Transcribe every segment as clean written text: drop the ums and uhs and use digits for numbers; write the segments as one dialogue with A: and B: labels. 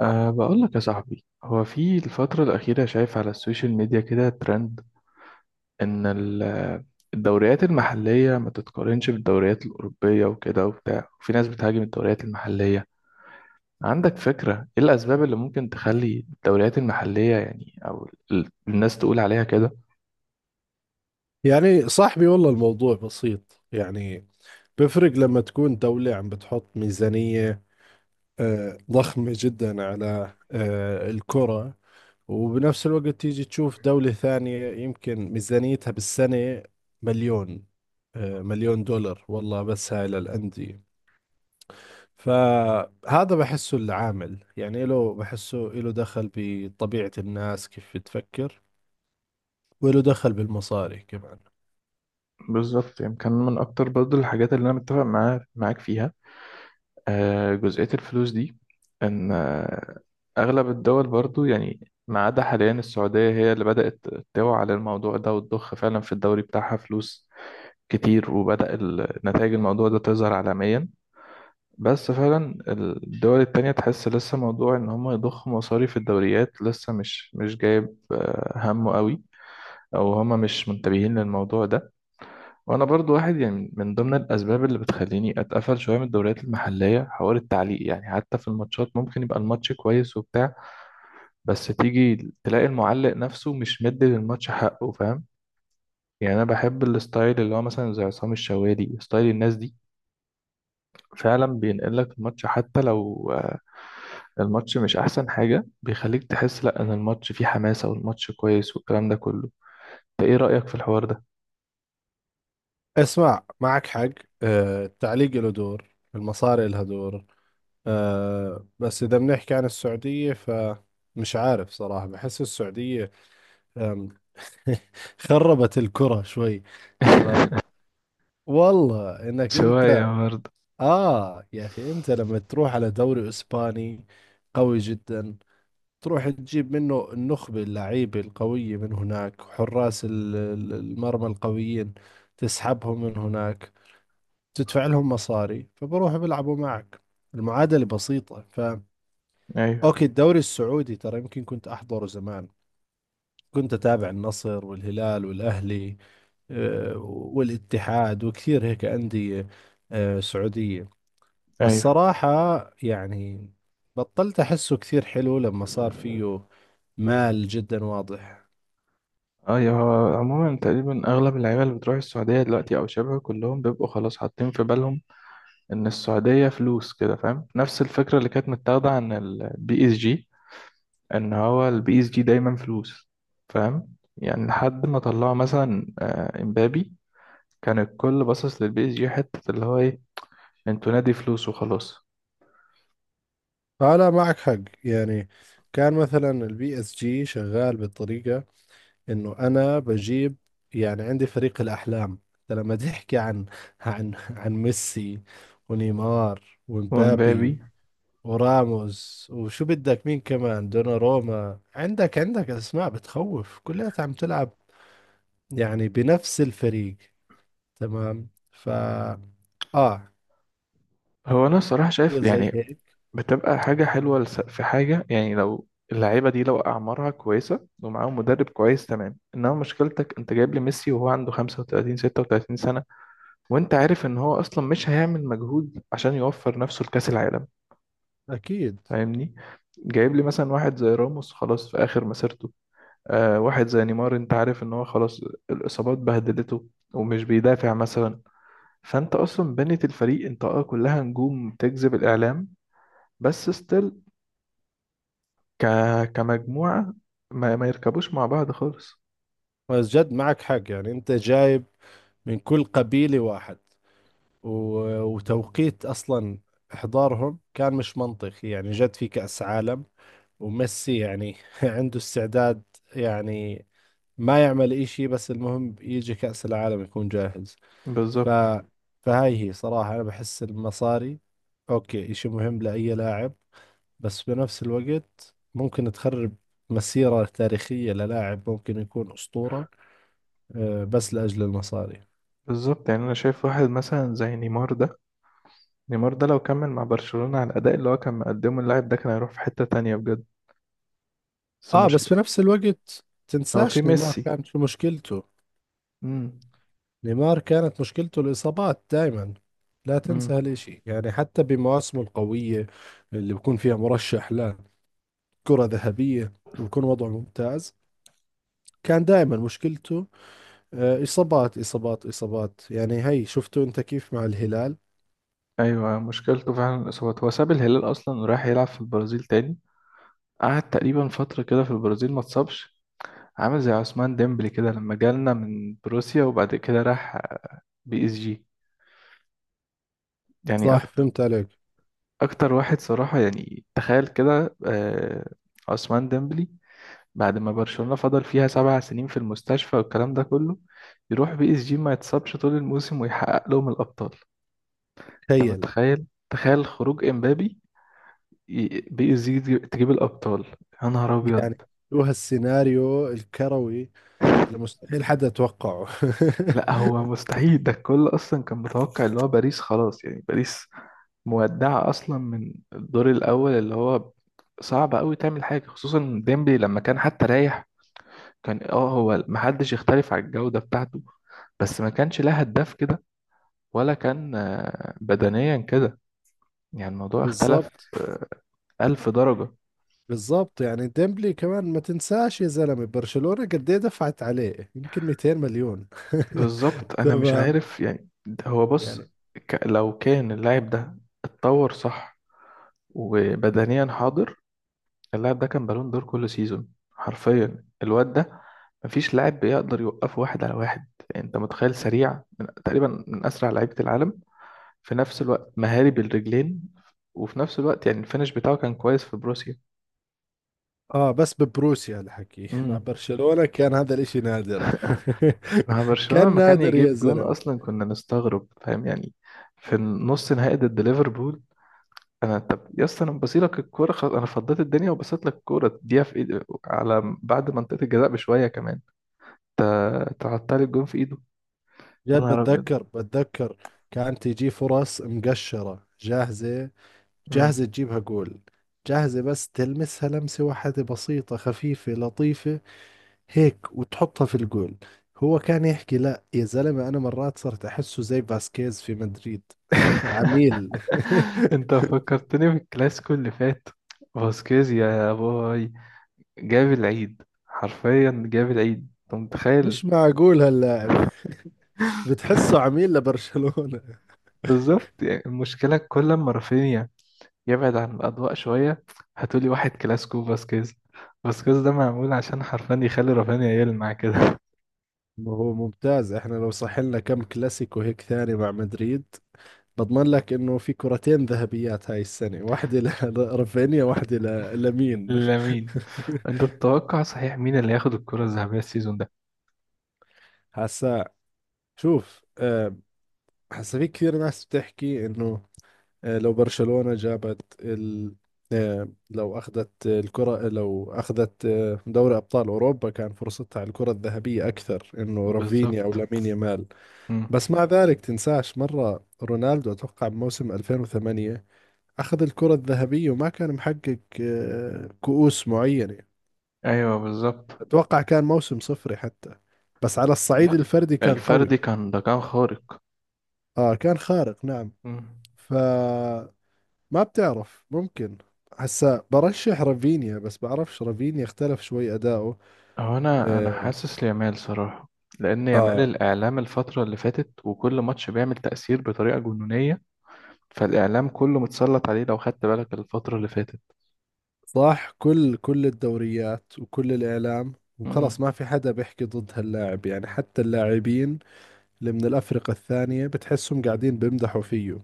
A: بقول لك يا صاحبي، هو في الفترة الأخيرة شايف على السوشيال ميديا كده ترند إن الدوريات المحلية ما تتقارنش بالدوريات الأوروبية وكده وبتاع، وفي ناس بتهاجم الدوريات المحلية. عندك فكرة إيه الأسباب اللي ممكن تخلي الدوريات المحلية يعني أو الناس تقول عليها كده؟
B: يعني صاحبي والله الموضوع بسيط يعني. بفرق لما تكون دولة عم بتحط ميزانية ضخمة جدا على الكرة، وبنفس الوقت تيجي تشوف دولة ثانية يمكن ميزانيتها بالسنة مليون، مليون دولار والله، بس هاي للأندية. فهذا بحسه العامل، يعني له، بحسه له دخل بطبيعة الناس كيف بتفكر، وله دخل بالمصاري كمان.
A: بالظبط، يعني كان من أكتر برضه الحاجات اللي أنا متفق معاها معاك فيها جزئية الفلوس دي. إن أغلب الدول برضو يعني ما عدا حاليا السعودية هي اللي بدأت توعى على الموضوع ده وتضخ فعلا في الدوري بتاعها فلوس كتير، وبدأ نتائج الموضوع ده تظهر عالميا. بس فعلا الدول التانية تحس لسه موضوع إن هم يضخوا مصاريف الدوريات لسه مش جايب همه قوي، أو هما مش منتبهين للموضوع ده. وأنا برضو واحد يعني من ضمن الأسباب اللي بتخليني أتقفل شوية من الدوريات المحلية حوار التعليق، يعني حتى في الماتشات ممكن يبقى الماتش كويس وبتاع، بس تيجي تلاقي المعلق نفسه مش مدي للماتش حقه، فاهم يعني؟ انا بحب الستايل اللي هو مثلا زي عصام الشوالي، ستايل الناس دي فعلا بينقل لك الماتش حتى لو الماتش مش احسن حاجة، بيخليك تحس لا ان الماتش فيه حماسة والماتش كويس والكلام ده كله. انت ايه رأيك في الحوار ده؟
B: اسمع، معك حق. التعليق له دور، المصاري لها دور. بس إذا بنحكي عن السعودية فمش عارف صراحة، بحس السعودية آم، خربت الكرة شوي. تمام، والله إنك
A: شوية
B: أنت.
A: برضه.
B: آه يا أخي، أنت لما تروح على دوري إسباني قوي جدا، تروح تجيب منه النخبة اللعيبة القوية من هناك، حراس المرمى القويين، تسحبهم من هناك، تدفع لهم مصاري فبروحوا بيلعبوا معك. المعادلة بسيطة. ف
A: ايوه،
B: اوكي، الدوري السعودي ترى يمكن كنت احضره زمان، كنت اتابع النصر والهلال والاهلي، آه، والاتحاد وكثير هيك أندية سعودية. بس
A: ايوه،
B: صراحة يعني بطلت احسه كثير حلو لما صار فيه مال جدا واضح.
A: ايوه، هو عموما تقريبا اغلب اللعيبه اللي بتروح السعوديه دلوقتي او شبه كلهم بيبقوا خلاص حاطين في بالهم ان السعوديه فلوس كده، فاهم؟ نفس الفكره اللي كانت متاخده عن البي اس جي، ان هو البي اس جي دايما فلوس. فاهم يعني؟ لحد ما طلعوا مثلا امبابي، كان الكل باصص للبي اس جي حته اللي هو ايه، انتوا نادي فلوس وخلاص.
B: فلا، معك حق يعني. كان مثلا البي اس جي شغال بالطريقة انه انا بجيب يعني عندي فريق الاحلام. انت لما تحكي عن عن ميسي ونيمار
A: وامبابي
B: ومبابي وراموس، وشو بدك مين كمان، دوناروما، عندك اسماء بتخوف، كلها عم تلعب يعني بنفس الفريق. تمام. ف اه
A: هو انا الصراحه شايف
B: كتير زي
A: يعني
B: هيك.
A: بتبقى حاجه حلوه في حاجه، يعني لو اللعيبه دي لو اعمارها كويسه ومعاهم مدرب كويس تمام، انما مشكلتك انت جايب لي ميسي وهو عنده 35 36 سنه، وانت عارف ان هو اصلا مش هيعمل مجهود عشان يوفر نفسه لكأس العالم،
B: اكيد.
A: فاهمني؟ جايب لي مثلا واحد زي راموس خلاص في اخر مسيرته، واحد زي نيمار انت عارف ان هو خلاص، الاصابات بهدلته ومش بيدافع مثلا. فانت اصلا بنيت الفريق انت كلها نجوم تجذب الاعلام، بس ستيل ك... كمجموعة ما يركبوش مع بعض خالص.
B: بس جد معك حق يعني، انت جايب من كل قبيلة واحد. وتوقيت أصلا إحضارهم كان مش منطقي يعني، جد في كأس عالم، وميسي يعني عنده استعداد يعني ما يعمل إشي، بس المهم يجي كأس العالم يكون جاهز. ف
A: بالظبط.
B: فهاي هي صراحة، أنا بحس المصاري أوكي، إشي مهم لأي لاعب، بس بنفس الوقت ممكن تخرب مسيرة تاريخية للاعب ممكن يكون أسطورة، بس لأجل المصاري.
A: بالظبط، يعني انا شايف واحد مثلا زي نيمار ده، نيمار ده لو كمل مع برشلونة على الأداء اللي هو كان مقدمه، اللاعب ده كان هيروح في حتة تانية بجد. بس
B: اه بس في
A: مشكلة
B: نفس الوقت
A: هو في
B: تنساش نيمار
A: ميسي.
B: كانت شو مشكلته.
A: امم
B: نيمار كانت مشكلته الإصابات دائما، لا
A: امم
B: تنسى هالإشي يعني. حتى بمواسمه القوية اللي بكون فيها مرشح لكرة ذهبية وبكون وضعه ممتاز، كان دائما مشكلته إصابات إصابات إصابات. يعني هي شفتوا أنت كيف مع الهلال.
A: أيوة، مشكلته فعلا الإصابات، هو ساب الهلال أصلا وراح يلعب في البرازيل تاني، قعد تقريبا فترة كده في البرازيل ما اتصابش. عامل زي عثمان ديمبلي كده لما جالنا من بروسيا وبعد كده راح بي اس جي. يعني
B: صح،
A: أكتر
B: فهمت عليك.
A: أكتر واحد صراحة، يعني تخيل كده عثمان ديمبلي بعد ما برشلونة فضل فيها سبع سنين في المستشفى والكلام ده كله، يروح بي اس جي ما يتصابش طول الموسم ويحقق لهم الأبطال.
B: تخيل،
A: متخيل؟ تخيل خروج امبابي، بي اس جي تجيب الأبطال. يا نهار أبيض.
B: يعني شو هالسيناريو الكروي اللي مستحيل حدا توقعه.
A: لا هو مستحيل، ده الكل أصلا كان متوقع اللي هو باريس خلاص، يعني باريس مودعة أصلا من الدور الأول، اللي هو صعب أوي تعمل حاجة. خصوصا ديمبلي لما كان حتى رايح، كان هو محدش يختلف على الجودة بتاعته، بس ما كانش لها هداف كده، ولا كان بدنيا كده. يعني الموضوع اختلف
B: بالضبط.
A: ألف درجة.
B: بالظبط يعني ديمبلي كمان ما تنساش يا زلمة، برشلونة قد ايه دفعت عليه، يمكن 200 مليون.
A: بالظبط، أنا مش
B: تمام
A: عارف يعني، ده هو
B: يعني.
A: بص، لو كان اللاعب ده اتطور صح وبدنيا حاضر، اللاعب ده كان بالون دور كل سيزون حرفيا. الواد ده مفيش لاعب بيقدر يوقفه واحد على واحد، يعني انت متخيل؟ سريع من تقريبا من اسرع لعيبة العالم، في نفس الوقت مهاري بالرجلين، وفي نفس الوقت يعني الفينش بتاعه كان كويس في بروسيا.
B: اه بس ببروسيا الحكي مع
A: امم.
B: برشلونة كان هذا الاشي نادر.
A: مع برشلونة
B: كان
A: لما كان
B: نادر يا
A: يجيب جون
B: زلمة.
A: اصلا كنا نستغرب، فاهم يعني؟ في النص نهائي ضد ليفربول، انا طب يا اسطى انا بصيلك الكوره خلاص، انا فضيت الدنيا وبصيت لك الكوره تديها في ايد، على بعد منطقه الجزاء بشويه كمان انت تعطل الجون في ايده. يا
B: جد،
A: نهار ابيض.
B: بتذكر، كان تيجي فرص مقشرة جاهزة،
A: مم.
B: جاهزة تجيبها جول، جاهزة بس تلمسها لمسة واحدة بسيطة خفيفة لطيفة هيك وتحطها في الجول. هو كان يحكي لا يا زلمة، أنا مرات صرت أحسه زي فاسكيز في مدريد. عميل.
A: انت فكرتني بالكلاسيكو اللي فات، فاسكيز يا باي، جاب العيد حرفيا، جاب العيد، انت متخيل؟
B: مش معقول هاللاعب بتحسه عميل لبرشلونة.
A: بالظبط، يعني المشكله كل ما رافينيا يبعد عن الأضواء شوية هتقولي واحد كلاسيكو فاسكيز. فاسكيز ده معمول عشان حرفيا يخلي رافينيا يلمع كده.
B: ما هو ممتاز، احنا لو صح لنا كم كلاسيكو هيك ثاني مع مدريد، بضمن لك انه في كرتين ذهبيات هاي السنة، واحدة لرافينيا، واحدة لمين.
A: لامين. انت تتوقع صحيح مين اللي هياخد الكرة الذهبية السيزون ده؟
B: هسا، شوف هسا في كثير ناس بتحكي انه لو برشلونة جابت لو أخذت الكرة، لو أخذت دوري أبطال أوروبا، كان فرصتها على الكرة الذهبية أكثر، إنه رافينيا أو
A: بالظبط.
B: لامين يامال.
A: مم.
B: بس مع ذلك تنساش مرة رونالدو أتوقع بموسم 2008 أخذ الكرة الذهبية وما كان محقق كؤوس معينة،
A: ايوه، بالظبط.
B: أتوقع كان موسم صفري حتى، بس على الصعيد
A: لا،
B: الفردي كان قوي.
A: الفردي كان ده كان خارق.
B: آه كان خارق نعم.
A: مم.
B: ف ما بتعرف، ممكن هسا برشح رافينيا، بس بعرفش رافينيا اختلف شوي أداؤه.
A: هو انا،
B: آه,
A: حاسس ليامال صراحة، لان يامال
B: آه
A: الاعلام الفترة اللي فاتت وكل ماتش بيعمل تأثير بطريقة جنونية، فالاعلام كله متسلط عليه لو خدت بالك الفترة اللي فاتت.
B: صح، كل كل الدوريات وكل الإعلام،
A: مم.
B: وخلص ما في حدا بيحكي ضد هاللاعب، يعني حتى اللاعبين اللي من الأفرقة الثانية بتحسهم قاعدين بيمدحوا فيه،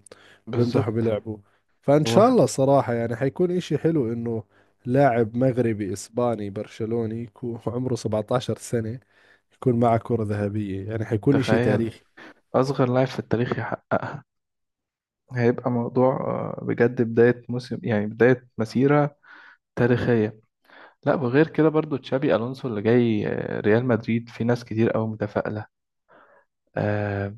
B: بيمدحوا
A: بالظبط.
B: بلعبه. فإن شاء
A: هو
B: الله صراحة، يعني حيكون إشي حلو إنه لاعب مغربي إسباني برشلوني يكون عمره 17 سنة، يكون معه كرة ذهبية، يعني حيكون إشي
A: تخيل،
B: تاريخي.
A: أصغر لاعب في التاريخ يحققها، هيبقى موضوع بجد بداية موسم يعني بداية مسيرة تاريخية. لا، وغير كده برضو تشابي ألونسو اللي جاي ريال مدريد، في ناس كتير أوي متفائلة، آه،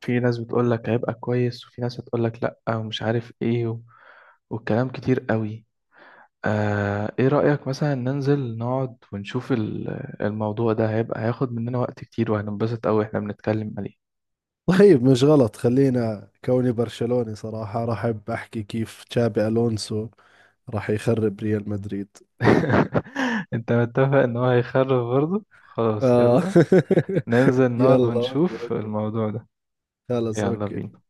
A: في ناس بتقول لك هيبقى كويس، وفي ناس بتقول لك لا ومش عارف ايه والكلام كتير أوي. ايه رأيك مثلا ننزل نقعد ونشوف الموضوع ده؟ هيبقى هياخد مننا وقت كتير وهننبسط أوي احنا بنتكلم عليه.
B: طيب مش غلط، خلينا كوني برشلوني صراحة راح أحب أحكي كيف تشابي ألونسو راح يخرب ريال مدريد.
A: انت متفق ان هو هيخرب برضه؟ خلاص،
B: آه
A: يلا ننزل نقعد
B: يلا أوكي
A: ونشوف
B: أوكي.
A: الموضوع ده.
B: خلص
A: يلا
B: أوكي.
A: بينا.